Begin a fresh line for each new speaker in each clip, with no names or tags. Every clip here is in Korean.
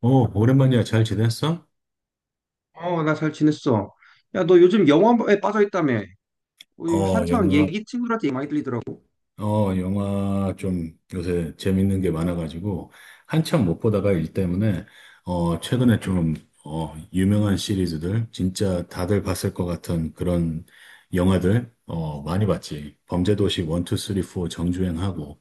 어, 오랜만이야. 잘 지냈어?
어, 나 잘 지냈어. 야, 너 요즘 영화에 빠져있다며. 우리
어,
한창
영화,
얘기 친구들한테 많이 들리더라고.
영화 좀 요새 재밌는 게 많아가지고, 한참 못 보다가 일 때문에, 최근에 좀, 유명한 시리즈들, 진짜 다들 봤을 것 같은 그런 영화들, 많이 봤지. 범죄도시 1, 2, 3, 4 정주행하고,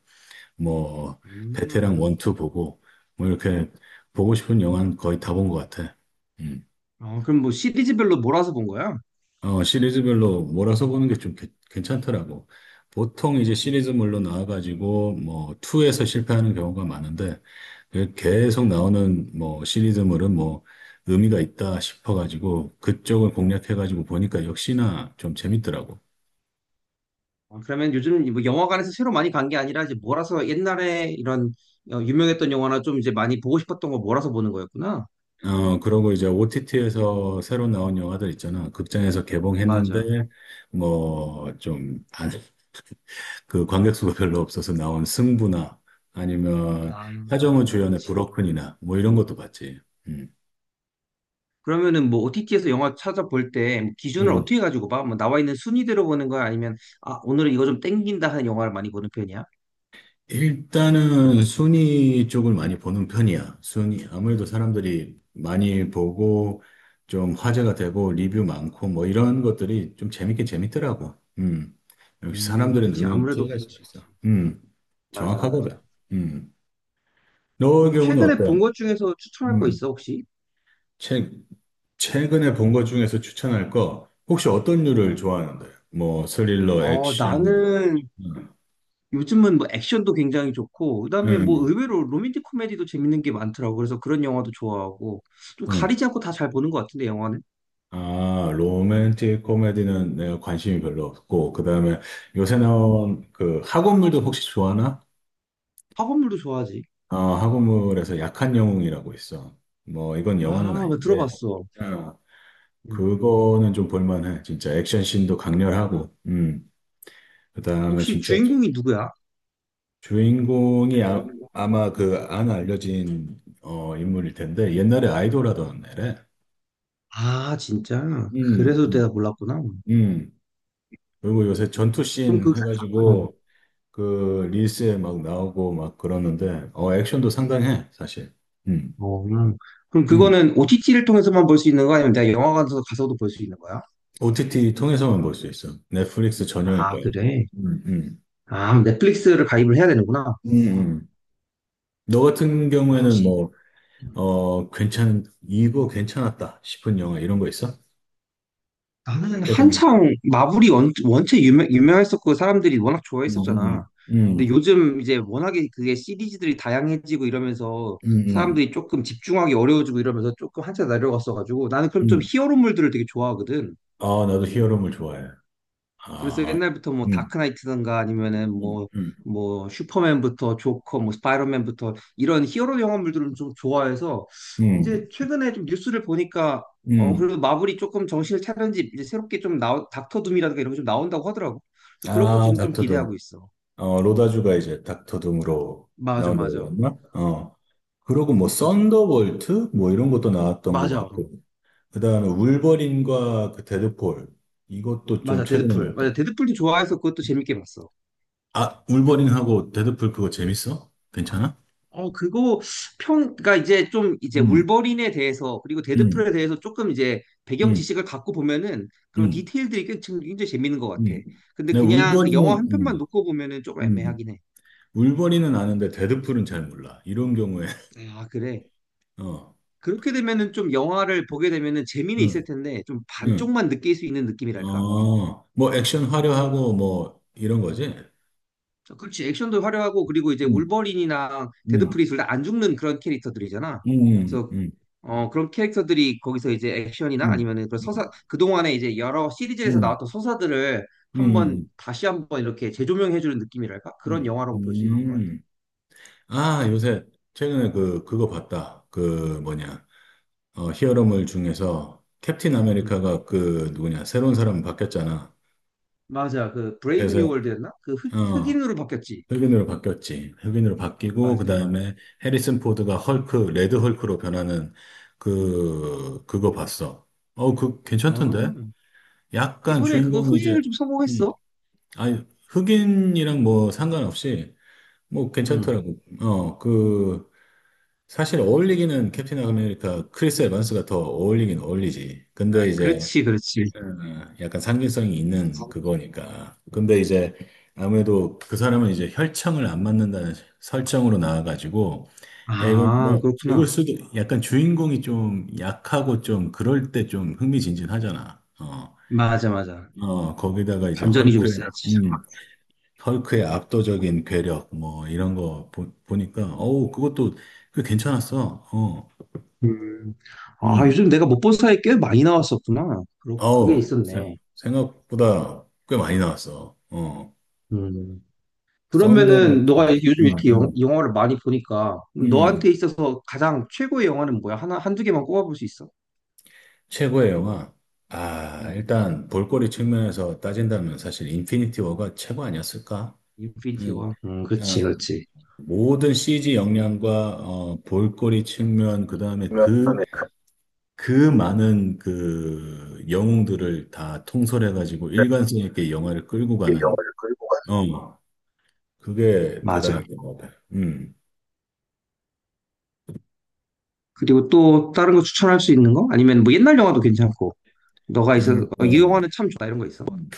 뭐, 베테랑
음.
1, 2 보고, 뭐 이렇게 보고 싶은 영화는 거의 다 본 것 같아. 음.
어, 그럼 뭐 시리즈별로 몰아서 본 거야?
시리즈별로 몰아서 보는 게 좀 괜찮더라고. 보통 이제 시리즈물로 나와가지고 뭐 2에서 실패하는 경우가 많은데 그 계속 나오는 뭐 시리즈물은 뭐 의미가 있다 싶어가지고 그쪽을 공략해가지고 보니까 역시나 좀 재밌더라고.
어, 그러면 요즘 뭐 영화관에서 새로 많이 간 게 아니라 이제 몰아서 옛날에 이런 어, 유명했던 영화나 좀 이제 많이 보고 싶었던 거 몰아서 보는 거였구나.
그러고 이제 OTT에서 새로 나온 영화들 있잖아. 극장에서
맞아.
개봉했는데, 뭐, 좀, 안, 그 관객수가 별로 없어서 나온 승부나 아니면
아,
하정우 주연의
그치.
브로큰이나 뭐 이런 것도 봤지. 음.
그러면은 뭐 OTT에서 영화 찾아볼 때 뭐 기준을
음.
어떻게 가지고 봐? 뭐 나와 있는 순위대로 보는 거야? 아니면 아, 오늘은 이거 좀 땡긴다 하는 영화를 많이 보는 편이야?
일단은 순위 쪽을 많이 보는 편이야. 순위 아무래도 사람들이 많이 보고 좀 화제가 되고 리뷰 많고 뭐 이런 것들이 좀 재밌긴 재밌더라고. 음. 역시 사람들의
그치.
눈은
아무래도
띄어갈
그럴
수가
수
있어.
있지.
음.
맞아,
정확하거든.
맞아.
음. 너의
그럼
경우는
최근에
어때?
본 것 중에서 추천할 거
요
있어, 혹시?
최, 최근에 본 것 중에서 추천할 거, 혹시 어떤 류를
응.
좋아하는데? 뭐, 스릴러,
어,
액션,
나는
음,
요즘은 뭐 액션도 굉장히 좋고, 그다음에 뭐
음.
의외로 로맨틱 코미디도 재밌는 게 많더라고. 그래서 그런 영화도 좋아하고, 좀
어.
가리지 않고 다 잘 보는 것 같은데, 영화는.
아, 로맨틱 코미디는 내가 관심이 별로 없고, 그 다음에 요새
음,
나온 그 학원물도 혹시 좋아하나?
학원물도 좋아하지.
학원물에서 약한 영웅이라고 있어. 뭐, 이건 영화는
아, 나
아닌데,
들어봤어.
어,
음.
그거는 좀 볼만해. 진짜 액션 씬도 강렬하고, 그 다음에
혹시
진짜
주인공이 누구야?
주인공이
주인공.
아마 그 안 알려진 인물일 텐데 옛날에 아이돌 하던 애래.
아, 진짜?
음,
그래서 내가
음,
몰랐구나.
음. 그리고 요새
그럼 그,
전투씬
어,
해가지고 그 릴스에 막 나오고 막 그러는데 액션도 상당해 사실. 음,
어, 그럼
음.
그거는 OTT를 통해서만 볼 수 있는 거 아니면 내가 영화관에서 가서도 볼 수 있는 거야?
OTT 통해서만 볼 수 있어. 넷플릭스 전용일
아,
거야.
그래.
음, 음,
아, 넷플릭스를 가입을 해야 되는구나.
음, 음. 너 같은
아,
경우에는
확실히.
뭐 어 괜찮 이거 괜찮았다 싶은 영화 이런 거 있어?
나는
최근에.
한창 마블이 원체 유명했었고 그 사람들이 워낙
음, 음,
좋아했었잖아.
음,
근데 요즘 이제 워낙에 그게 시리즈들이 다양해지고 이러면서
음.
사람들이 조금 집중하기 어려워지고 이러면서 조금 한참 내려갔어가지고 나는 그럼 좀
음.
히어로물들을 되게 좋아하거든.
아, 나도 히어로물 좋아해.
그래서
아,
옛날부터 뭐
음,
다크나이트든가 아니면은
음,
뭐
음,
뭐 슈퍼맨부터 조커, 뭐 스파이더맨부터 이런 히어로 영화물들을 좀 좋아해서
음,
이제 최근에 좀 뉴스를 보니까 어
음.
그래도 마블이 조금 정신을 차린지 이제 새롭게 좀 나온 닥터 둠이라든가 이런 게 좀 나온다고 하더라고. 그래서 그런 것
아,
지금 좀
닥터둠.
기대하고 있어.
로다주가 이제 닥터둠으로
맞아,
나온다고
맞아,
그랬나? 어. 그러고 뭐,
맞아,
썬더볼트? 뭐 이런 것도 나왔던 것
맞아,
같고. 그 다음에 울버린과 그 데드풀. 이것도 좀
맞아.
최근에
데드풀,
나왔던.
맞아. 데드풀도 좋아해서 그것도 재밌게 봤어.
아, 울버린하고 데드풀 그거 재밌어? 괜찮아?
어, 그거 평, 그러니까 이제 좀 이제
음,
울버린에 대해서 그리고
음,
데드풀에 대해서 조금 이제 배경
음,
지식을 갖고 보면은 그런
음,
디테일들이 꽤 지금 굉장히 재밌는 것 같아.
음.
근데
내가
그냥 그 영화
울버린은,
한 편만 놓고 보면은 조금
음.
애매하긴 해.
울버린은 아는데 데드풀은 잘 몰라. 이런 경우에,
아, 그래.
어,
그렇게 되면은 좀 영화를 보게 되면은 재미는 있을
응,
텐데 좀
응,
반쪽만 느낄 수 있는 느낌이랄까?
어, 뭐 액션 화려하고 뭐 이런 거지?
그렇지. 액션도 화려하고 그리고 이제 울
응,
버린이나
응,
데드풀이 둘 다 안 죽는 그런 캐릭터들이잖아.
응, 응,
그래서
응,
어 그런 캐릭터들이 거기서 이제 액션이나
응,
아니면은 그
응,
서사 그동안에 이제 여러 시리즈에서 나왔던 서사들을
응,
한번
응,
다시 한번 이렇게 재조명해 주는 느낌이랄까? 그런
응.
영화라고 볼 수 있는 것 같아.
응. 아, 요새 최근에 그거 봤다. 그 뭐냐, 히어로물 중에서 캡틴
음.
아메리카가 그 누구냐, 새로운 사람 바뀌었잖아.
맞아. 그 브레이브 뉴
그래서,
월드였나? 그 흑,
어,
흑인으로 바뀌었지.
흑인으로 바뀌었지. 흑인으로 바뀌고
맞아, 맞아.
그다음에 해리슨 포드가 헐크, 레드 헐크로 변하는 그거 봤어. 그
어.
괜찮던데? 약간
이번에 그거
주인공이
흑인을
이제
좀
음,
성공했어.
아니 흑인이랑 뭐 상관없이 뭐
음.
괜찮더라고. 그 사실 어울리기는 캡틴 아메리카 크리스 에반스가 더 어울리긴 어울리지.
아,
근데 이제
그렇지, 그렇지.
약간 상징성이 있는 그거니까. 근데 이제 아무래도 그 사람은 이제 혈청을 안 맞는다는 설정으로 나와가지고, 야, 이거
아,
뭐 죽을
그렇구나.
수도, 약간 주인공이 좀 약하고 좀 그럴 때 좀 흥미진진하잖아.
맞아, 맞아.
거기다가 이제
반전이 좀 있 어야지
헐크의 압도적인 괴력, 뭐 이런 거 보니까, 어우, 그것도 꽤 괜찮았어.
음. 아,
음,
요즘 내가 못 본 사이에 꽤 많이 나왔었구나. 그게
어우,
있었네.
생각보다 꽤 많이 나왔어. 어.
음. 그러면은 너가
썬더볼트.
요즘
음,
이렇게 영,
음.
영화를 많이 보니까
음,
너한테 있어서 가장 최고의 영화는 뭐야? 하나, 한두 개만 꼽아볼 수 있어?
최고의 영화. 아,
음.
일단 볼거리 측면에서 따진다면 사실 인피니티 워가 최고 아니었을까?
인피니티
음,
워.
어,
그렇지, 그렇지.
모든 CG 역량과 볼거리 측면, 그다음에
그러면
그 많은 그 영웅들을 다 통솔해가지고 일관성 있게 영화를 끌고
그
가는,
영화를 끌고 가.
어, 그게
맞아.
대단하게 뭐. 음,
그리고 또 다른 거 추천할 수 있는 거? 아니면 뭐 옛날 영화도 괜찮고. 너가 있어,
그러니까,
어, 이 영화는 참 좋다 이런 거 있어.
음.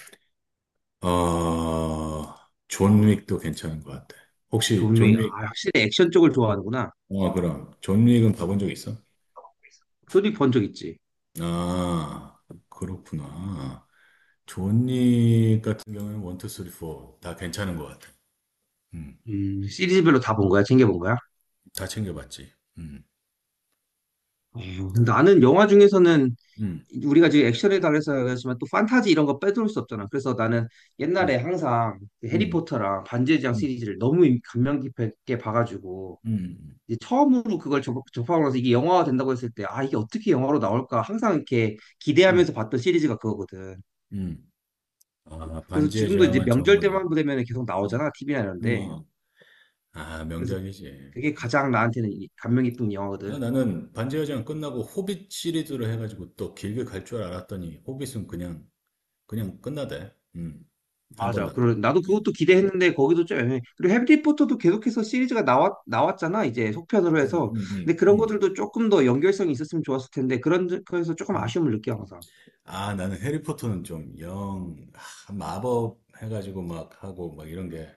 어, 존 윅도 괜찮은 것 같아. 혹시
존 윅.
존 윅,
아, 확실히 액션 쪽을 좋아하는구나.
그럼. 존 윅은 봐본 적 있어?
존윅 본적 있지?
아, 그렇구나. 존윅 같은 경우에는 원, 투, 쓰리, 포 다 괜찮은 것 같아. 음,
시리즈별로 다 본 거야? 챙겨본 거야?
다 챙겨봤지. 음,
어,
다.
나는 영화 중에서는
음,
우리가 지금 액션에 달해서 얘기하지만 또 판타지 이런 거 빼놓을 수 없잖아. 그래서 나는
음,
옛날에 항상 그
음,
해리포터랑 반지의 제왕
음,
시리즈를 너무 감명 깊게 봐가지고
음,
이제 처음으로 그걸 접하고 나서 이게 영화가 된다고 했을 때 아, 이게 어떻게 영화로 나올까 항상 이렇게
음, 음.
기대하면서 봤던 시리즈가 그거거든.
음. 아,
그래서
반지의
지금도 이제
제왕은
명절
정말,
때만 되면 계속
음,
나오잖아. TV나 이런데.
음. 아,
그래서
명작이지.
그게 가장 나한테는 감명 깊은
아,
영화거든.
나는 반지의 제왕 끝나고 호빗 시리즈를 해가지고 또 길게 갈 줄 알았더니 호빗은 그냥 끝나대. 한 번
맞아.
나고.
그러, 나도
음,
그것도 기대했는데 거기도 좀 애매해. 그리고 해리포터도 계속해서 시리즈가 나왔잖아. 이제 속편으로
음,
해서.
음, 음,
근데 그런
음,
것들도 조금 더 연결성이 있었으면 좋았을 텐데 그런 거에서 조금
음.
아쉬움을 느껴 항상.
아, 나는 해리포터는 좀 마법 해가지고 막 하고 막 이런 게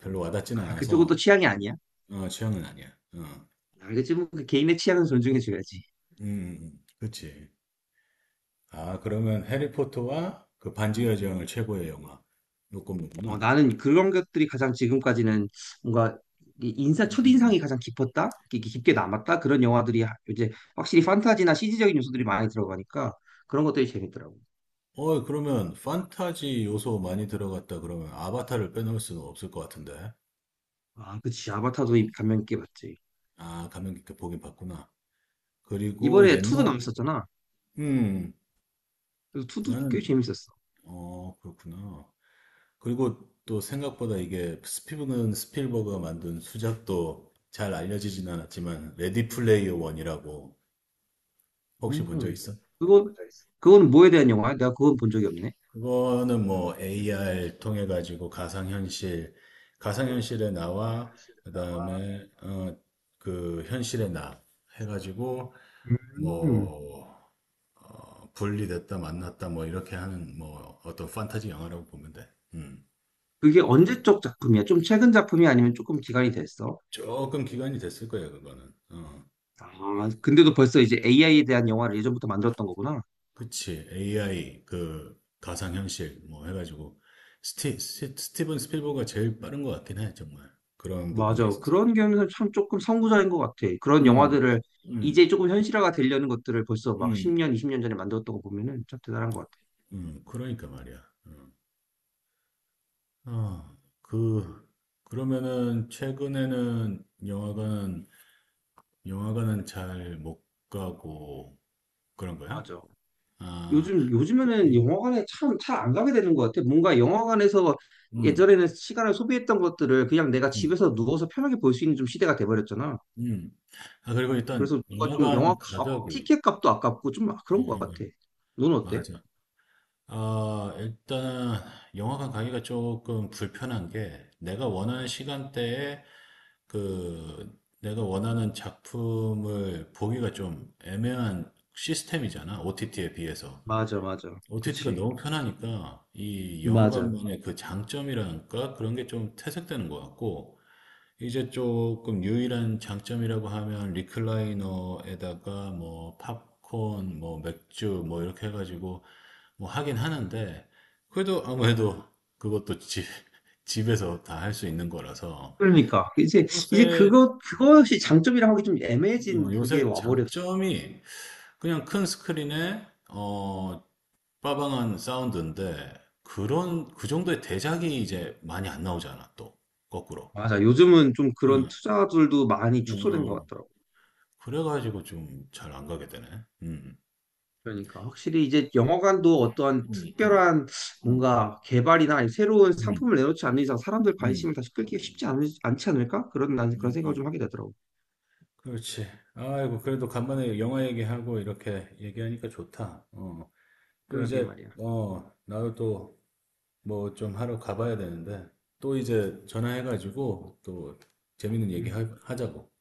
별로 와닿지는
아, 그쪽은 또
않아서
취향이 아니야.
취향은 아니야. 어,
알겠지. 뭐그 개인의 취향은 존중해줘야지.
그치. 아, 그러면 해리포터와 그 반지의 제왕을 최고의 영화.
어,
요거구만.
나는 그런 것들이 가장 지금까지는 뭔가 이 인사 첫인상이 가장 깊게 남았다 그런 영화들이 이제 확실히 판타지나 CG적인 요소들이 많이 들어가니까 그런 것들이 재밌더라고.
그러면 판타지 요소 많이 들어갔다 그러면 아바타를 빼놓을 수는 없을 것 같은데.
아, 그치. 아바타도 감명 깊게 봤지.
아, 감명 깊게 보긴 봤구나. 그리고
이번에 투도
옛날,
남았었잖아.
음,
그래서 투도 꽤
나는,
재밌었어.
그렇구나. 그리고 또 생각보다 이게 스피븐 스필버그가 만든 수작도 잘 알려지진 않았지만, 레디 플레이어 원이라고 혹시 본 적
음.
있어?
그거, 그거는 뭐에 대한 영화야? 내가 그건 본 적이 없네.
그거는 뭐 AR 통해 가지고 가상현실의 나와 그다음에 그 현실의 나 해가지고
음.
뭐 분리됐다 만났다 뭐 이렇게 하는 뭐 어떤 판타지 영화라고 보면 돼. 음.
그게 언제적 작품이야? 좀 최근 작품이 아니면 조금 기간이 됐어?
조금 기간이 됐을 거예요 그거는. 어.
아, 근데도 벌써 이제 AI에 대한 영화를 예전부터 만들었던 거구나.
그치 AI 그 가상현실 뭐 해가지고 스티븐 스필버가 제일 빠른 것 같긴 해 정말 그런 부분에
맞아.
있어서.
그런 경우는 참 조금 선구자인 것 같아. 그런
음.
영화들을
음.
이제 조금 현실화가 되려는 것들을 벌써 막
음.
10년, 20년 전에 만들었던 거 보면은 참 대단한 것 같아.
그러니까 말이야. 음. 아, 그, 그러면은 최근에는 영화관은 잘 못 가고 그런 거야?
맞아.
아,
요즘에는
음,
영화관에 참 잘 안 가게 되는 것 같아. 뭔가 영화관에서
음,
예전에는 시간을 소비했던 것들을 그냥 내가
음.
집에서 누워서 편하게 볼 수 있는 좀 시대가 돼버렸잖아.
음. 아, 그리고
그래서
일단
뭔가 좀 영화
영화관
값,
가격이,
티켓 값도 아깝고 좀 그런
음,
것
음,
같아. 넌 어때?
맞아. 아, 일단 영화관 가기가 조금 불편한 게 내가 원하는 시간대에 그 내가 원하는 작품을 보기가 좀 애매한 시스템이잖아. OTT에 비해서.
맞아, 맞아.
OTT가
그치.
너무 편하니까 이
맞아.
영화관만의 그 장점이랄까? 그런 게 좀 퇴색되는 것 같고 이제 조금 유일한 장점이라고 하면 리클라이너에다가 뭐 팝콘, 뭐 맥주 뭐 이렇게 해가지고 뭐 하긴 하는데, 그래도 아무래도 그것도 집에서 다 할 수 있는 거라서,
그러니까. 이제, 이제
요새,
그것이 장점이라 하기 좀 애매해진 그게
요새
와버렸어.
장점이 그냥 큰 스크린에, 빠방한 사운드인데, 그 정도의 대작이 이제 많이 안 나오잖아, 또. 거꾸로.
맞아. 요즘은 좀 그런
응,
투자들도 많이
응,
축소된 것
응.
같더라고.
그래가지고 좀 잘 안 가게 되네. 음.
그러니까 확실히 이제 영화관도 어떠한
음, 음,
특별한
음,
뭔가 개발이나 아니면 새로운
음,
상품을 내놓지 않는 이상 사람들
음,
관심을 다시 끌기가 쉽지 않지 않을까? 그런 난 그런
음,
생각을 좀
음.
하게 되더라고.
그렇지. 아이고, 그래도 간만에 영화 얘기하고 이렇게 얘기하니까 좋다. 어. 또
그러게
이제,
말이야.
나도 또 뭐 좀 하러 가봐야 되는데, 또 이제 전화해가지고 또 재밌는 얘기
음.
하자고.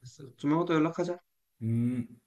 그래서 조만간 또 연락하자.
음.